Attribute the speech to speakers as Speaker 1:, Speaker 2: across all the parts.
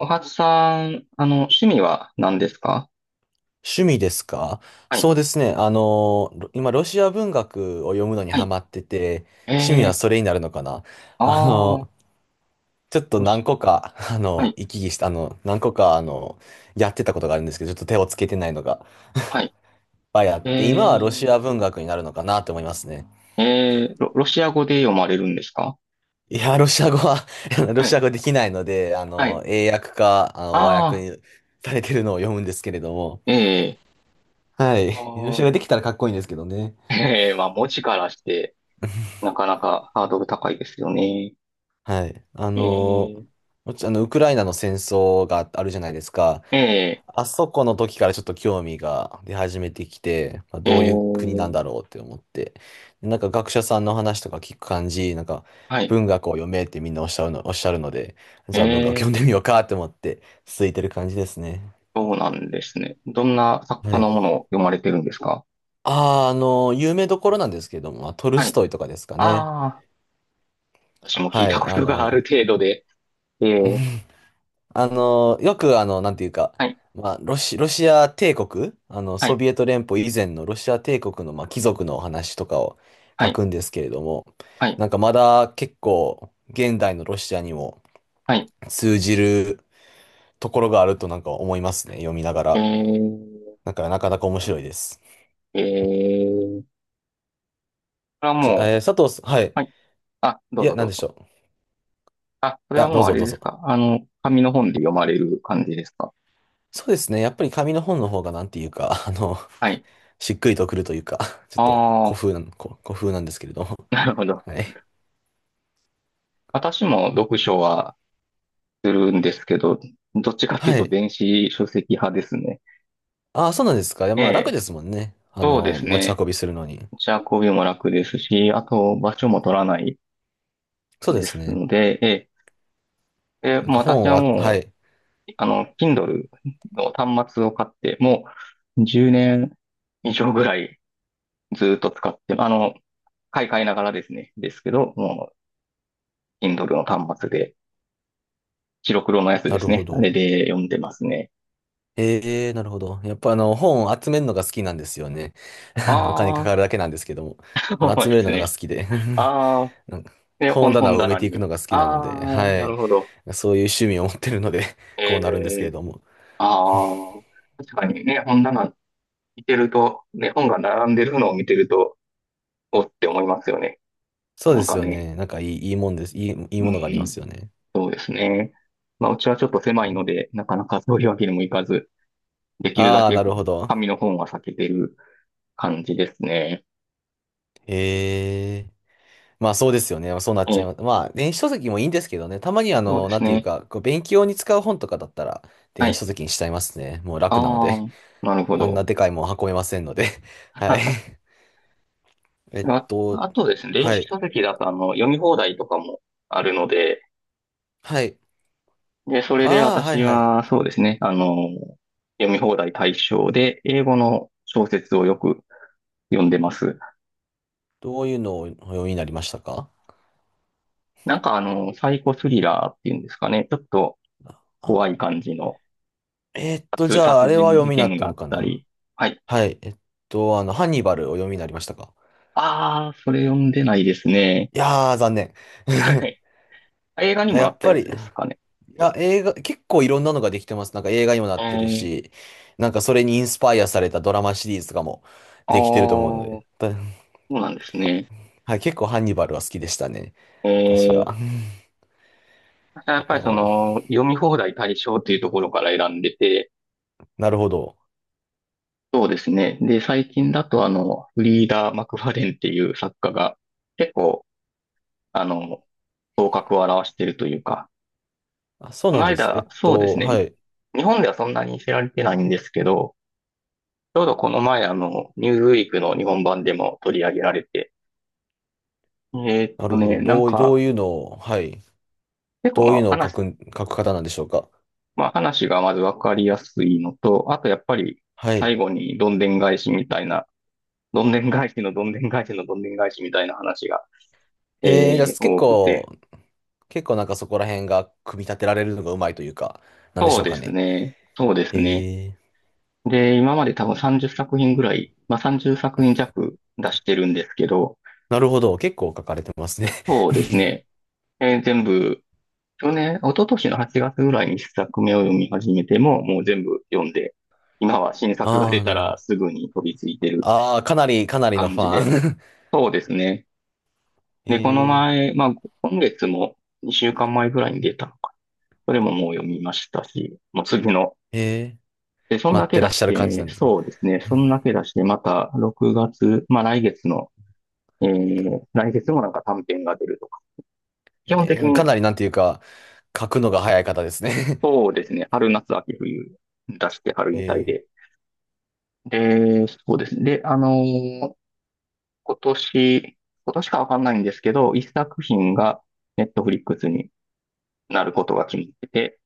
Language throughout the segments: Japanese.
Speaker 1: おはつさん、趣味は何ですか？
Speaker 2: 趣味ですか？
Speaker 1: はい、
Speaker 2: そうですね。今、ロシア文学を読むのに
Speaker 1: は
Speaker 2: ハ
Speaker 1: い。
Speaker 2: マってて、趣味は
Speaker 1: えー、
Speaker 2: それになるのかな。
Speaker 1: あ
Speaker 2: あ
Speaker 1: ー、
Speaker 2: の、ちょっと
Speaker 1: ロシ、
Speaker 2: 何個か、
Speaker 1: はい、
Speaker 2: 行き来した、何個か、やってたことがあるんですけど、ちょっと手をつけてないのが、い
Speaker 1: はい。
Speaker 2: っぱいあって、今はロ
Speaker 1: え
Speaker 2: シア文学になるのかなと思いますね。
Speaker 1: ロシア語で読まれるんですか？
Speaker 2: いや、ロシア語は ロ
Speaker 1: は
Speaker 2: シ
Speaker 1: い、
Speaker 2: ア語できないので、
Speaker 1: はい。
Speaker 2: 英訳か、和訳
Speaker 1: あ
Speaker 2: にされてるのを読むんですけれども、
Speaker 1: ー、え
Speaker 2: は
Speaker 1: ー、
Speaker 2: い。ロシ
Speaker 1: あ
Speaker 2: ア
Speaker 1: ー
Speaker 2: 語できたらかっこいいんですけどね。
Speaker 1: まあ、文字からして、なかなかハードル高いですよね。
Speaker 2: はい。
Speaker 1: えー、
Speaker 2: もちあの、ウクライナの戦争があるじゃないですか。
Speaker 1: え
Speaker 2: あそこの時からちょっと興味が出始めてきて、まあ、
Speaker 1: ー、え
Speaker 2: どういう国なん
Speaker 1: ー、
Speaker 2: だろうって思って。でなんか学者さんの話とか聞く感じ、なんか
Speaker 1: はい、
Speaker 2: 文学を読めってみんなおっしゃるの、おっしゃるので、
Speaker 1: え
Speaker 2: じゃあ文学読んで
Speaker 1: ー、
Speaker 2: みようかって思って続いてる感じですね。
Speaker 1: そうなんですね。どんな作
Speaker 2: は
Speaker 1: 家の
Speaker 2: い。
Speaker 1: ものを読まれてるんですか？
Speaker 2: あー、有名どころなんですけども、まあトル
Speaker 1: は
Speaker 2: ス
Speaker 1: い。
Speaker 2: トイとかですかね。
Speaker 1: ああ、私も聞い
Speaker 2: は
Speaker 1: た
Speaker 2: い。
Speaker 1: ことがある程度で、えー、
Speaker 2: よくなんていうか、
Speaker 1: はい、
Speaker 2: まあ、ロシア帝国、
Speaker 1: は
Speaker 2: ソ
Speaker 1: い、
Speaker 2: ビエト連邦以前のロシア帝国の、まあ、貴族のお話とかを
Speaker 1: は
Speaker 2: 書
Speaker 1: い、
Speaker 2: くんですけれども、
Speaker 1: はい、
Speaker 2: なんかまだ結構現代のロシアにも
Speaker 1: はい。
Speaker 2: 通じるところがあるとなんか思いますね、読みなが
Speaker 1: え
Speaker 2: ら。
Speaker 1: ー、
Speaker 2: だからなかなか面白いです。
Speaker 1: これは
Speaker 2: ち
Speaker 1: も
Speaker 2: えー佐藤さん、はい。
Speaker 1: う、はい。あ、ど
Speaker 2: い
Speaker 1: う
Speaker 2: や、
Speaker 1: ぞ
Speaker 2: な
Speaker 1: ど
Speaker 2: んで
Speaker 1: う
Speaker 2: し
Speaker 1: ぞ。
Speaker 2: ょう。い
Speaker 1: あ、これは
Speaker 2: や、ど
Speaker 1: も
Speaker 2: う
Speaker 1: うあ
Speaker 2: ぞ
Speaker 1: れ
Speaker 2: どう
Speaker 1: です
Speaker 2: ぞ。
Speaker 1: か。紙の本で読まれる感じですか。
Speaker 2: そうですね、やっぱり紙の本の方がなんていうか、
Speaker 1: はい。
Speaker 2: しっくりとくるというか、ちょっと
Speaker 1: ああ、
Speaker 2: 古風なんですけれども。
Speaker 1: なるほど。
Speaker 2: はい。
Speaker 1: 私も読書はするんですけど、どっちかっていう
Speaker 2: は
Speaker 1: と
Speaker 2: い。
Speaker 1: 電子書籍派ですね。
Speaker 2: ああ、そうなんですか。いや、
Speaker 1: え
Speaker 2: まあ楽
Speaker 1: え、
Speaker 2: ですもんね。
Speaker 1: そうです
Speaker 2: 持ち
Speaker 1: ね。
Speaker 2: 運びするのに。
Speaker 1: 持ち運びも楽ですし、あと場所も取らない
Speaker 2: そうで
Speaker 1: で
Speaker 2: す
Speaker 1: す
Speaker 2: ね。
Speaker 1: ので、ええ、で、
Speaker 2: なん
Speaker 1: もう
Speaker 2: か
Speaker 1: 私
Speaker 2: 本を
Speaker 1: は
Speaker 2: あ、は
Speaker 1: も
Speaker 2: い。
Speaker 1: Kindle の端末を買って、もう10年以上ぐらいずっと使って、買い替えながらですね、ですけど、もう Kindle の端末で、白黒のやつで
Speaker 2: なる
Speaker 1: す
Speaker 2: ほ
Speaker 1: ね。あれ
Speaker 2: ど。
Speaker 1: で読んでますね。
Speaker 2: ええ、なるほど。やっぱ本を集めるのが好きなんですよね。お金か
Speaker 1: あ
Speaker 2: かるだけなんですけど
Speaker 1: あ、
Speaker 2: も。
Speaker 1: そう
Speaker 2: 集
Speaker 1: で
Speaker 2: める
Speaker 1: す
Speaker 2: のが
Speaker 1: ね。
Speaker 2: 好きで。
Speaker 1: ああ、
Speaker 2: なんか
Speaker 1: ね、
Speaker 2: 本棚
Speaker 1: 本
Speaker 2: を埋め
Speaker 1: 棚
Speaker 2: ていく
Speaker 1: に。
Speaker 2: のが好きな
Speaker 1: あ
Speaker 2: ので、
Speaker 1: あ、
Speaker 2: は
Speaker 1: な
Speaker 2: い。
Speaker 1: るほど。
Speaker 2: そういう趣味を持ってるので、
Speaker 1: え
Speaker 2: こうなるんですけれ
Speaker 1: え、
Speaker 2: ども。
Speaker 1: ああ、確かにね、本棚見てると、ね、本が並んでるのを見てると、おって思いますよね。
Speaker 2: そう
Speaker 1: な
Speaker 2: で
Speaker 1: ん
Speaker 2: す
Speaker 1: か
Speaker 2: よ
Speaker 1: ね。
Speaker 2: ね。いいもんです。いい
Speaker 1: う
Speaker 2: ものがありま
Speaker 1: ん。
Speaker 2: すよね。
Speaker 1: そうですね。まあ、うちはちょっと狭いので、なかなかそういうわけにもいかず、できるだ
Speaker 2: ああ、
Speaker 1: け
Speaker 2: なるほど。
Speaker 1: 紙の本は避けてる感じですね。
Speaker 2: ええ。まあそうですよね。まあそうなっ
Speaker 1: え
Speaker 2: ちゃい
Speaker 1: え、
Speaker 2: ます。まあ電子書籍もいいんですけどね。たまに
Speaker 1: そうで
Speaker 2: な
Speaker 1: す
Speaker 2: んていう
Speaker 1: ね。
Speaker 2: か、こう勉強に使う本とかだったら
Speaker 1: は
Speaker 2: 電子
Speaker 1: い。
Speaker 2: 書籍にしちゃいますね。もう楽なの
Speaker 1: あ
Speaker 2: で。
Speaker 1: あ、なる ほ
Speaker 2: あんな
Speaker 1: ど。
Speaker 2: でかいもん運べませんので。はい。えっ
Speaker 1: あ、
Speaker 2: と、
Speaker 1: あとですね、電
Speaker 2: は
Speaker 1: 子
Speaker 2: い。
Speaker 1: 書籍だと、読み放題とかもあるので、
Speaker 2: はい。
Speaker 1: で、それで
Speaker 2: ああ、はい
Speaker 1: 私
Speaker 2: はい。
Speaker 1: は、そうですね、読み放題対象で、英語の小説をよく読んでます。
Speaker 2: どういうのをお読みになりましたか？
Speaker 1: なんか、サイコスリラーっていうんですかね、ちょっと怖い
Speaker 2: あ、
Speaker 1: 感じの、
Speaker 2: じ
Speaker 1: 殺殺
Speaker 2: ゃああれは
Speaker 1: 人
Speaker 2: 読
Speaker 1: 事
Speaker 2: みになっ
Speaker 1: 件
Speaker 2: た
Speaker 1: があ
Speaker 2: の
Speaker 1: っ
Speaker 2: か
Speaker 1: た
Speaker 2: な？
Speaker 1: り。はい。
Speaker 2: はい。ハンニバルを読みになりましたか？
Speaker 1: ああ、それ読んでないですね。
Speaker 2: いやー、残念。
Speaker 1: はい。映画 にも
Speaker 2: や
Speaker 1: な
Speaker 2: っ
Speaker 1: った
Speaker 2: ぱ
Speaker 1: や
Speaker 2: り。
Speaker 1: つですか
Speaker 2: い
Speaker 1: ね。
Speaker 2: や、映画、結構いろんなのができてます。なんか映画にもな
Speaker 1: え
Speaker 2: ってる
Speaker 1: ー、
Speaker 2: し、なんかそれにインスパイアされたドラマシリーズとかも
Speaker 1: ああ、
Speaker 2: できてると思うの
Speaker 1: そ
Speaker 2: で、だ
Speaker 1: うなんですね。
Speaker 2: はい、結構ハンニバルは好きでしたね。
Speaker 1: え
Speaker 2: 私は。
Speaker 1: ー、
Speaker 2: あ
Speaker 1: やっぱりそ
Speaker 2: の、
Speaker 1: の、読み放題対象っていうところから選んでて、
Speaker 2: なるほど。
Speaker 1: そうですね。で、最近だとフリーダ・マクファレンっていう作家が、結構、あの、頭角を現してるというか、
Speaker 2: あ、そう
Speaker 1: こ
Speaker 2: な
Speaker 1: の
Speaker 2: んです。
Speaker 1: 間、そうです
Speaker 2: は
Speaker 1: ね。
Speaker 2: い。
Speaker 1: 日本ではそんなに知られてないんですけど、ちょうどこの前、ニューズウィークの日本版でも取り上げられて、
Speaker 2: なるほど。
Speaker 1: なん
Speaker 2: どう、どう
Speaker 1: か、
Speaker 2: いうのを、はい。
Speaker 1: 結構
Speaker 2: ど
Speaker 1: ま
Speaker 2: ういう
Speaker 1: あ
Speaker 2: のを書
Speaker 1: 話、
Speaker 2: く、書く方なんでしょうか。
Speaker 1: まあ話がまずわかりやすいのと、あとやっぱり
Speaker 2: は
Speaker 1: 最
Speaker 2: い。
Speaker 1: 後にどんでん返しみたいな、どんでん返しのどんでん返しのどんでん返しみたいな話が、
Speaker 2: へえ、じゃあ結
Speaker 1: 多くて、
Speaker 2: 構、結構なんかそこら辺が組み立てられるのがうまいというか、なんでし
Speaker 1: そう
Speaker 2: ょう
Speaker 1: で
Speaker 2: か
Speaker 1: す
Speaker 2: ね。
Speaker 1: ね、そうですね。
Speaker 2: へえ。
Speaker 1: で、今まで多分30作品ぐらい、まあ30作品弱出してるんですけど、
Speaker 2: なるほど。結構書かれてますね。
Speaker 1: そうですね、全部去年、一昨年の8月ぐらいに一作目を読み始めても、もう全部読んで、今は新作が
Speaker 2: あ
Speaker 1: 出
Speaker 2: あ、
Speaker 1: た
Speaker 2: なるほ
Speaker 1: ら
Speaker 2: ど。
Speaker 1: すぐに飛びついてる
Speaker 2: ああ、かなり、かなりの
Speaker 1: 感
Speaker 2: フ
Speaker 1: じです。
Speaker 2: ァン。
Speaker 1: そうですね。で、この
Speaker 2: えー、
Speaker 1: 前、まあ、今月も2週間前ぐらいに出たのか。それももう読みましたし、もう次の。
Speaker 2: えー、
Speaker 1: で、そん
Speaker 2: 待
Speaker 1: だ
Speaker 2: っ
Speaker 1: け
Speaker 2: てらっ
Speaker 1: 出
Speaker 2: し
Speaker 1: し
Speaker 2: ゃる感じな
Speaker 1: て、
Speaker 2: んですね。
Speaker 1: そうですね。そんだけ出して、また6月、まあ来月の、来月もなんか短編が出るとか。基本
Speaker 2: え
Speaker 1: 的
Speaker 2: ー、
Speaker 1: に、
Speaker 2: かなりなんていうか、書くのが早い方ですね。
Speaker 1: そうですね。春、夏、秋、冬出して、春 に対
Speaker 2: え
Speaker 1: でで、そうですね。で、ー今年、今年かわかんないんですけど、一作品がネットフリックスになることが決まってて、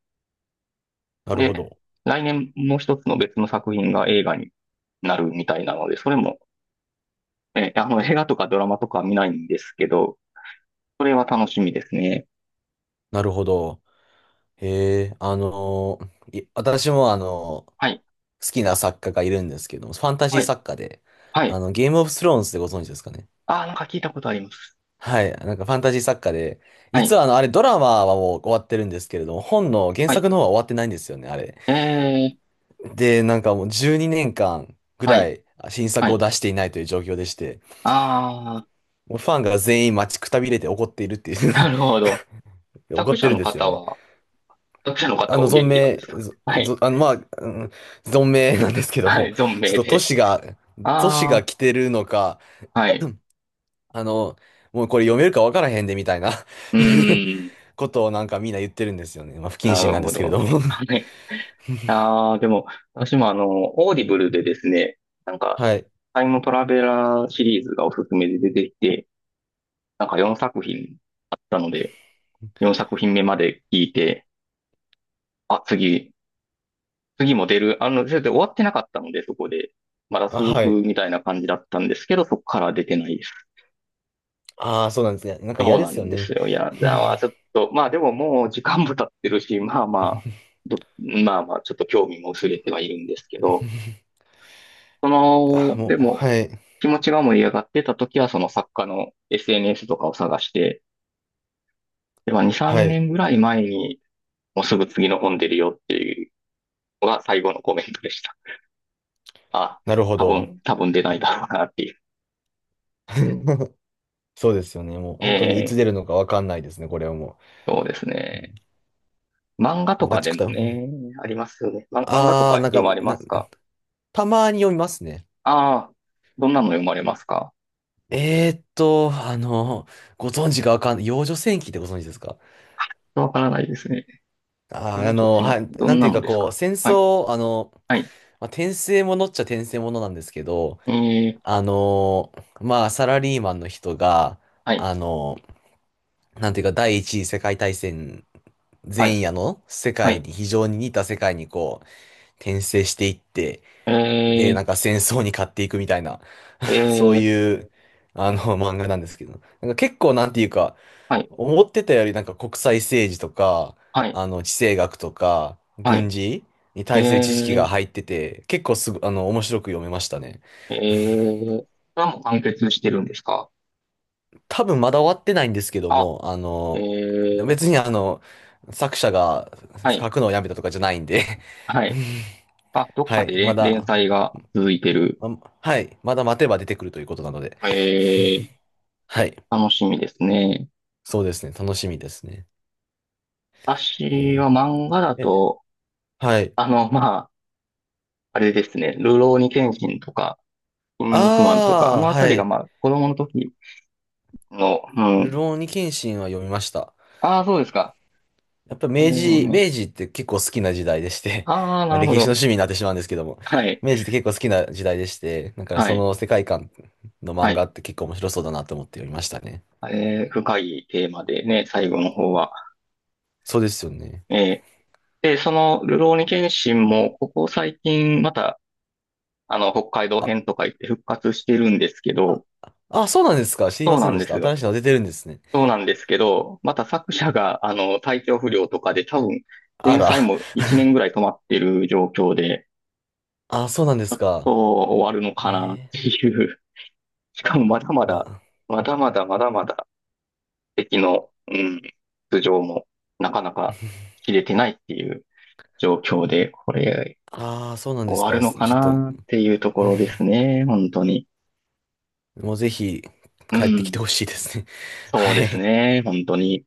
Speaker 2: ー、なるほ
Speaker 1: で、
Speaker 2: ど。
Speaker 1: 来年もう一つの別の作品が映画になるみたいなので、それも、映画とかドラマとかは見ないんですけど、それは楽しみですね。
Speaker 2: なるほど。えー、私も
Speaker 1: はい、
Speaker 2: 好きな作家がいるんですけども、ファンタジー
Speaker 1: はい、
Speaker 2: 作家で、
Speaker 1: はい。
Speaker 2: ゲームオブスローンズでご存知ですかね。
Speaker 1: ああ、なんか聞いたことあります。
Speaker 2: はい、なんかファンタジー作家で、
Speaker 1: は
Speaker 2: 実
Speaker 1: い、
Speaker 2: はあれドラマはもう終わってるんですけれども、本の原
Speaker 1: はい。
Speaker 2: 作の方は終わってないんですよね、あれ。
Speaker 1: えー、
Speaker 2: で、なんかもう12年間ぐ
Speaker 1: は
Speaker 2: ら
Speaker 1: い、
Speaker 2: い新
Speaker 1: は
Speaker 2: 作を
Speaker 1: い。
Speaker 2: 出していないという状況でして、
Speaker 1: あ
Speaker 2: もうファンが全員待ちくたびれて怒っているってい
Speaker 1: あ、
Speaker 2: う
Speaker 1: なるほど。
Speaker 2: 怒
Speaker 1: 作
Speaker 2: って
Speaker 1: 者
Speaker 2: るん
Speaker 1: の
Speaker 2: ですよ
Speaker 1: 方
Speaker 2: ね。
Speaker 1: は、作者の方はお
Speaker 2: 存
Speaker 1: 元気なんで
Speaker 2: 命、
Speaker 1: すか？
Speaker 2: ぞ
Speaker 1: は
Speaker 2: ぞ
Speaker 1: い。
Speaker 2: あの、まあ、うん、存命なんです けど
Speaker 1: はい、
Speaker 2: も、
Speaker 1: 存
Speaker 2: ちょっ
Speaker 1: 命
Speaker 2: と
Speaker 1: で。
Speaker 2: 年が
Speaker 1: あ
Speaker 2: 来てるのか、
Speaker 1: あ、はい。
Speaker 2: あの、もうこれ読めるかわからへんでみたいな
Speaker 1: うーん、
Speaker 2: ことをなんかみんな言ってるんですよね。まあ、不謹
Speaker 1: な
Speaker 2: 慎
Speaker 1: る
Speaker 2: なんで
Speaker 1: ほ
Speaker 2: すけれど
Speaker 1: ど。
Speaker 2: も
Speaker 1: はい。ああ、でも、私もオーディブルでですね、なん か、
Speaker 2: はい。
Speaker 1: タイムトラベラーシリーズがおすすめで出てきて、なんか4作品あったので、4作品目まで聞いて、あ、次も出る。それで終わってなかったので、そこで。まだ
Speaker 2: あ、
Speaker 1: 続
Speaker 2: は
Speaker 1: く
Speaker 2: い。
Speaker 1: みたいな感じだったんですけど、そこから出てないです。
Speaker 2: ああ、そうなんですね。なんか
Speaker 1: そ
Speaker 2: 嫌
Speaker 1: う
Speaker 2: で
Speaker 1: な
Speaker 2: すよ
Speaker 1: んです
Speaker 2: ね。
Speaker 1: よ。いや、じゃあ、ちょっと、まあでももう時間も経ってるし、まあまあ、まあまあ、ちょっと興味も薄れてはいるんですけど、そ
Speaker 2: あ
Speaker 1: の、
Speaker 2: も
Speaker 1: で
Speaker 2: う、
Speaker 1: も、
Speaker 2: はい。
Speaker 1: 気持ちが盛り上がってた時は、その作家の SNS とかを探して、で、まあ2、
Speaker 2: は
Speaker 1: 3
Speaker 2: い。
Speaker 1: 年ぐらい前に、もうすぐ次の本出るよっていうのが最後のコメントでした。あ、
Speaker 2: なるほど。
Speaker 1: 多分出ないだろうなっていう。
Speaker 2: そうですよね。もう本当にいつ
Speaker 1: え
Speaker 2: 出るのかわかんないですね、これはも
Speaker 1: そうですね。漫画
Speaker 2: う。お
Speaker 1: とか
Speaker 2: 待ち
Speaker 1: で
Speaker 2: く
Speaker 1: も
Speaker 2: た。
Speaker 1: ね、ありますよね。漫画とか
Speaker 2: あー、
Speaker 1: 読まれますか？
Speaker 2: たまに読みますね。
Speaker 1: ああ、どんなの読まれますか？
Speaker 2: えーっと、あの、ご存知かわかんない。幼女戦記ってご存知ですか？
Speaker 1: わからないですね。
Speaker 2: あー、
Speaker 1: 甲状
Speaker 2: は
Speaker 1: 腺、
Speaker 2: い、
Speaker 1: ど
Speaker 2: なん
Speaker 1: ん
Speaker 2: て
Speaker 1: な
Speaker 2: いう
Speaker 1: の
Speaker 2: か
Speaker 1: です
Speaker 2: こう、
Speaker 1: か？
Speaker 2: 戦
Speaker 1: はい、
Speaker 2: 争、
Speaker 1: はい、
Speaker 2: まあ、転生ものっちゃ転生ものなんですけど、
Speaker 1: えー、
Speaker 2: あの、まあ、サラリーマンの人が、
Speaker 1: はい、
Speaker 2: あの、なんていうか、第一次世界大戦
Speaker 1: はい、
Speaker 2: 前夜の世
Speaker 1: は
Speaker 2: 界
Speaker 1: い、
Speaker 2: に、非常に似た世界にこう、転生していって、で、
Speaker 1: え
Speaker 2: なんか戦争に勝っていくみたいな、
Speaker 1: ー、え
Speaker 2: そう
Speaker 1: ー、
Speaker 2: いう、漫画なんですけど、なんか結構なんていうか、
Speaker 1: はい、
Speaker 2: 思ってたよりなんか国際政治とか、
Speaker 1: はい、
Speaker 2: 地政学とか、
Speaker 1: は
Speaker 2: 軍
Speaker 1: い、
Speaker 2: 事に対する知識が
Speaker 1: えー、
Speaker 2: 入ってて、結構すぐ、面白く読めましたね。
Speaker 1: これはもう完結してるんですか？
Speaker 2: 多分まだ終わってないんですけど
Speaker 1: あ、
Speaker 2: も、
Speaker 1: えー、
Speaker 2: 別に作者が
Speaker 1: はい、
Speaker 2: 書くのをやめたとかじゃないんで
Speaker 1: はい。あ、ど っ
Speaker 2: は
Speaker 1: か
Speaker 2: い、
Speaker 1: で
Speaker 2: ま
Speaker 1: 連連
Speaker 2: だ
Speaker 1: 載が続いてる。
Speaker 2: ま、はい。まだ待てば出てくるということなので。
Speaker 1: え
Speaker 2: はい。
Speaker 1: 楽しみですね。
Speaker 2: そうですね。楽しみですね。
Speaker 1: 私
Speaker 2: え
Speaker 1: は漫画だ
Speaker 2: ーえ、
Speaker 1: と、
Speaker 2: はい。
Speaker 1: まあ、あれですね、流浪に剣心とか、肉マンとか、あ
Speaker 2: ああ、
Speaker 1: のあた
Speaker 2: は
Speaker 1: りが
Speaker 2: い。
Speaker 1: まあ子供の時の、う
Speaker 2: る
Speaker 1: ん。
Speaker 2: ろうに剣心は読みました。
Speaker 1: ああ、そうですか。
Speaker 2: やっぱ
Speaker 1: こ
Speaker 2: 明
Speaker 1: れも
Speaker 2: 治、
Speaker 1: ね。
Speaker 2: 明治って結構好きな時代でして
Speaker 1: ああ、
Speaker 2: ま
Speaker 1: な
Speaker 2: あ
Speaker 1: るほ
Speaker 2: 歴史の
Speaker 1: ど。
Speaker 2: 趣味になってしまうんですけども、
Speaker 1: はい。
Speaker 2: 明治って結構好きな時代でして、だから
Speaker 1: は
Speaker 2: そ
Speaker 1: い。
Speaker 2: の世界観の
Speaker 1: は
Speaker 2: 漫
Speaker 1: い。
Speaker 2: 画って結構面白そうだなと思って読みましたね。
Speaker 1: 深いテーマでね、最後の方は。
Speaker 2: そうですよね。
Speaker 1: えー、で、その、るろうに剣心も、ここ最近、また、北海道
Speaker 2: あ、
Speaker 1: 編とか言って復活してるんですけど、
Speaker 2: あ、そうなんですか。知り
Speaker 1: そ
Speaker 2: ま
Speaker 1: う
Speaker 2: せ
Speaker 1: な
Speaker 2: ん
Speaker 1: ん
Speaker 2: で
Speaker 1: で
Speaker 2: した。
Speaker 1: す
Speaker 2: 新
Speaker 1: よ。
Speaker 2: しいの出てるんですね。
Speaker 1: そうなんですけど、また作者が、体調不良とかで多分、
Speaker 2: あ
Speaker 1: 連
Speaker 2: ら。
Speaker 1: 載も1年ぐ らい止まってる状況で、
Speaker 2: あ、そうなんです
Speaker 1: そ
Speaker 2: か。
Speaker 1: う終わるのかなっ
Speaker 2: ええ
Speaker 1: ていうしかもまだま
Speaker 2: ま
Speaker 1: だ、
Speaker 2: あ、
Speaker 1: まだまだまだまだ敵の、うん、頭上もなかなか切れてないっていう状況で、これ
Speaker 2: ああ、そうなんで
Speaker 1: 終
Speaker 2: す
Speaker 1: わる
Speaker 2: か。
Speaker 1: の
Speaker 2: ちょ
Speaker 1: か
Speaker 2: っと、
Speaker 1: なっていうと こ
Speaker 2: うん
Speaker 1: ろですね、本当に。
Speaker 2: もうぜひ
Speaker 1: う
Speaker 2: 帰ってきて
Speaker 1: ん、
Speaker 2: ほしいですね。
Speaker 1: そう
Speaker 2: は
Speaker 1: です
Speaker 2: い。
Speaker 1: ね、本当に。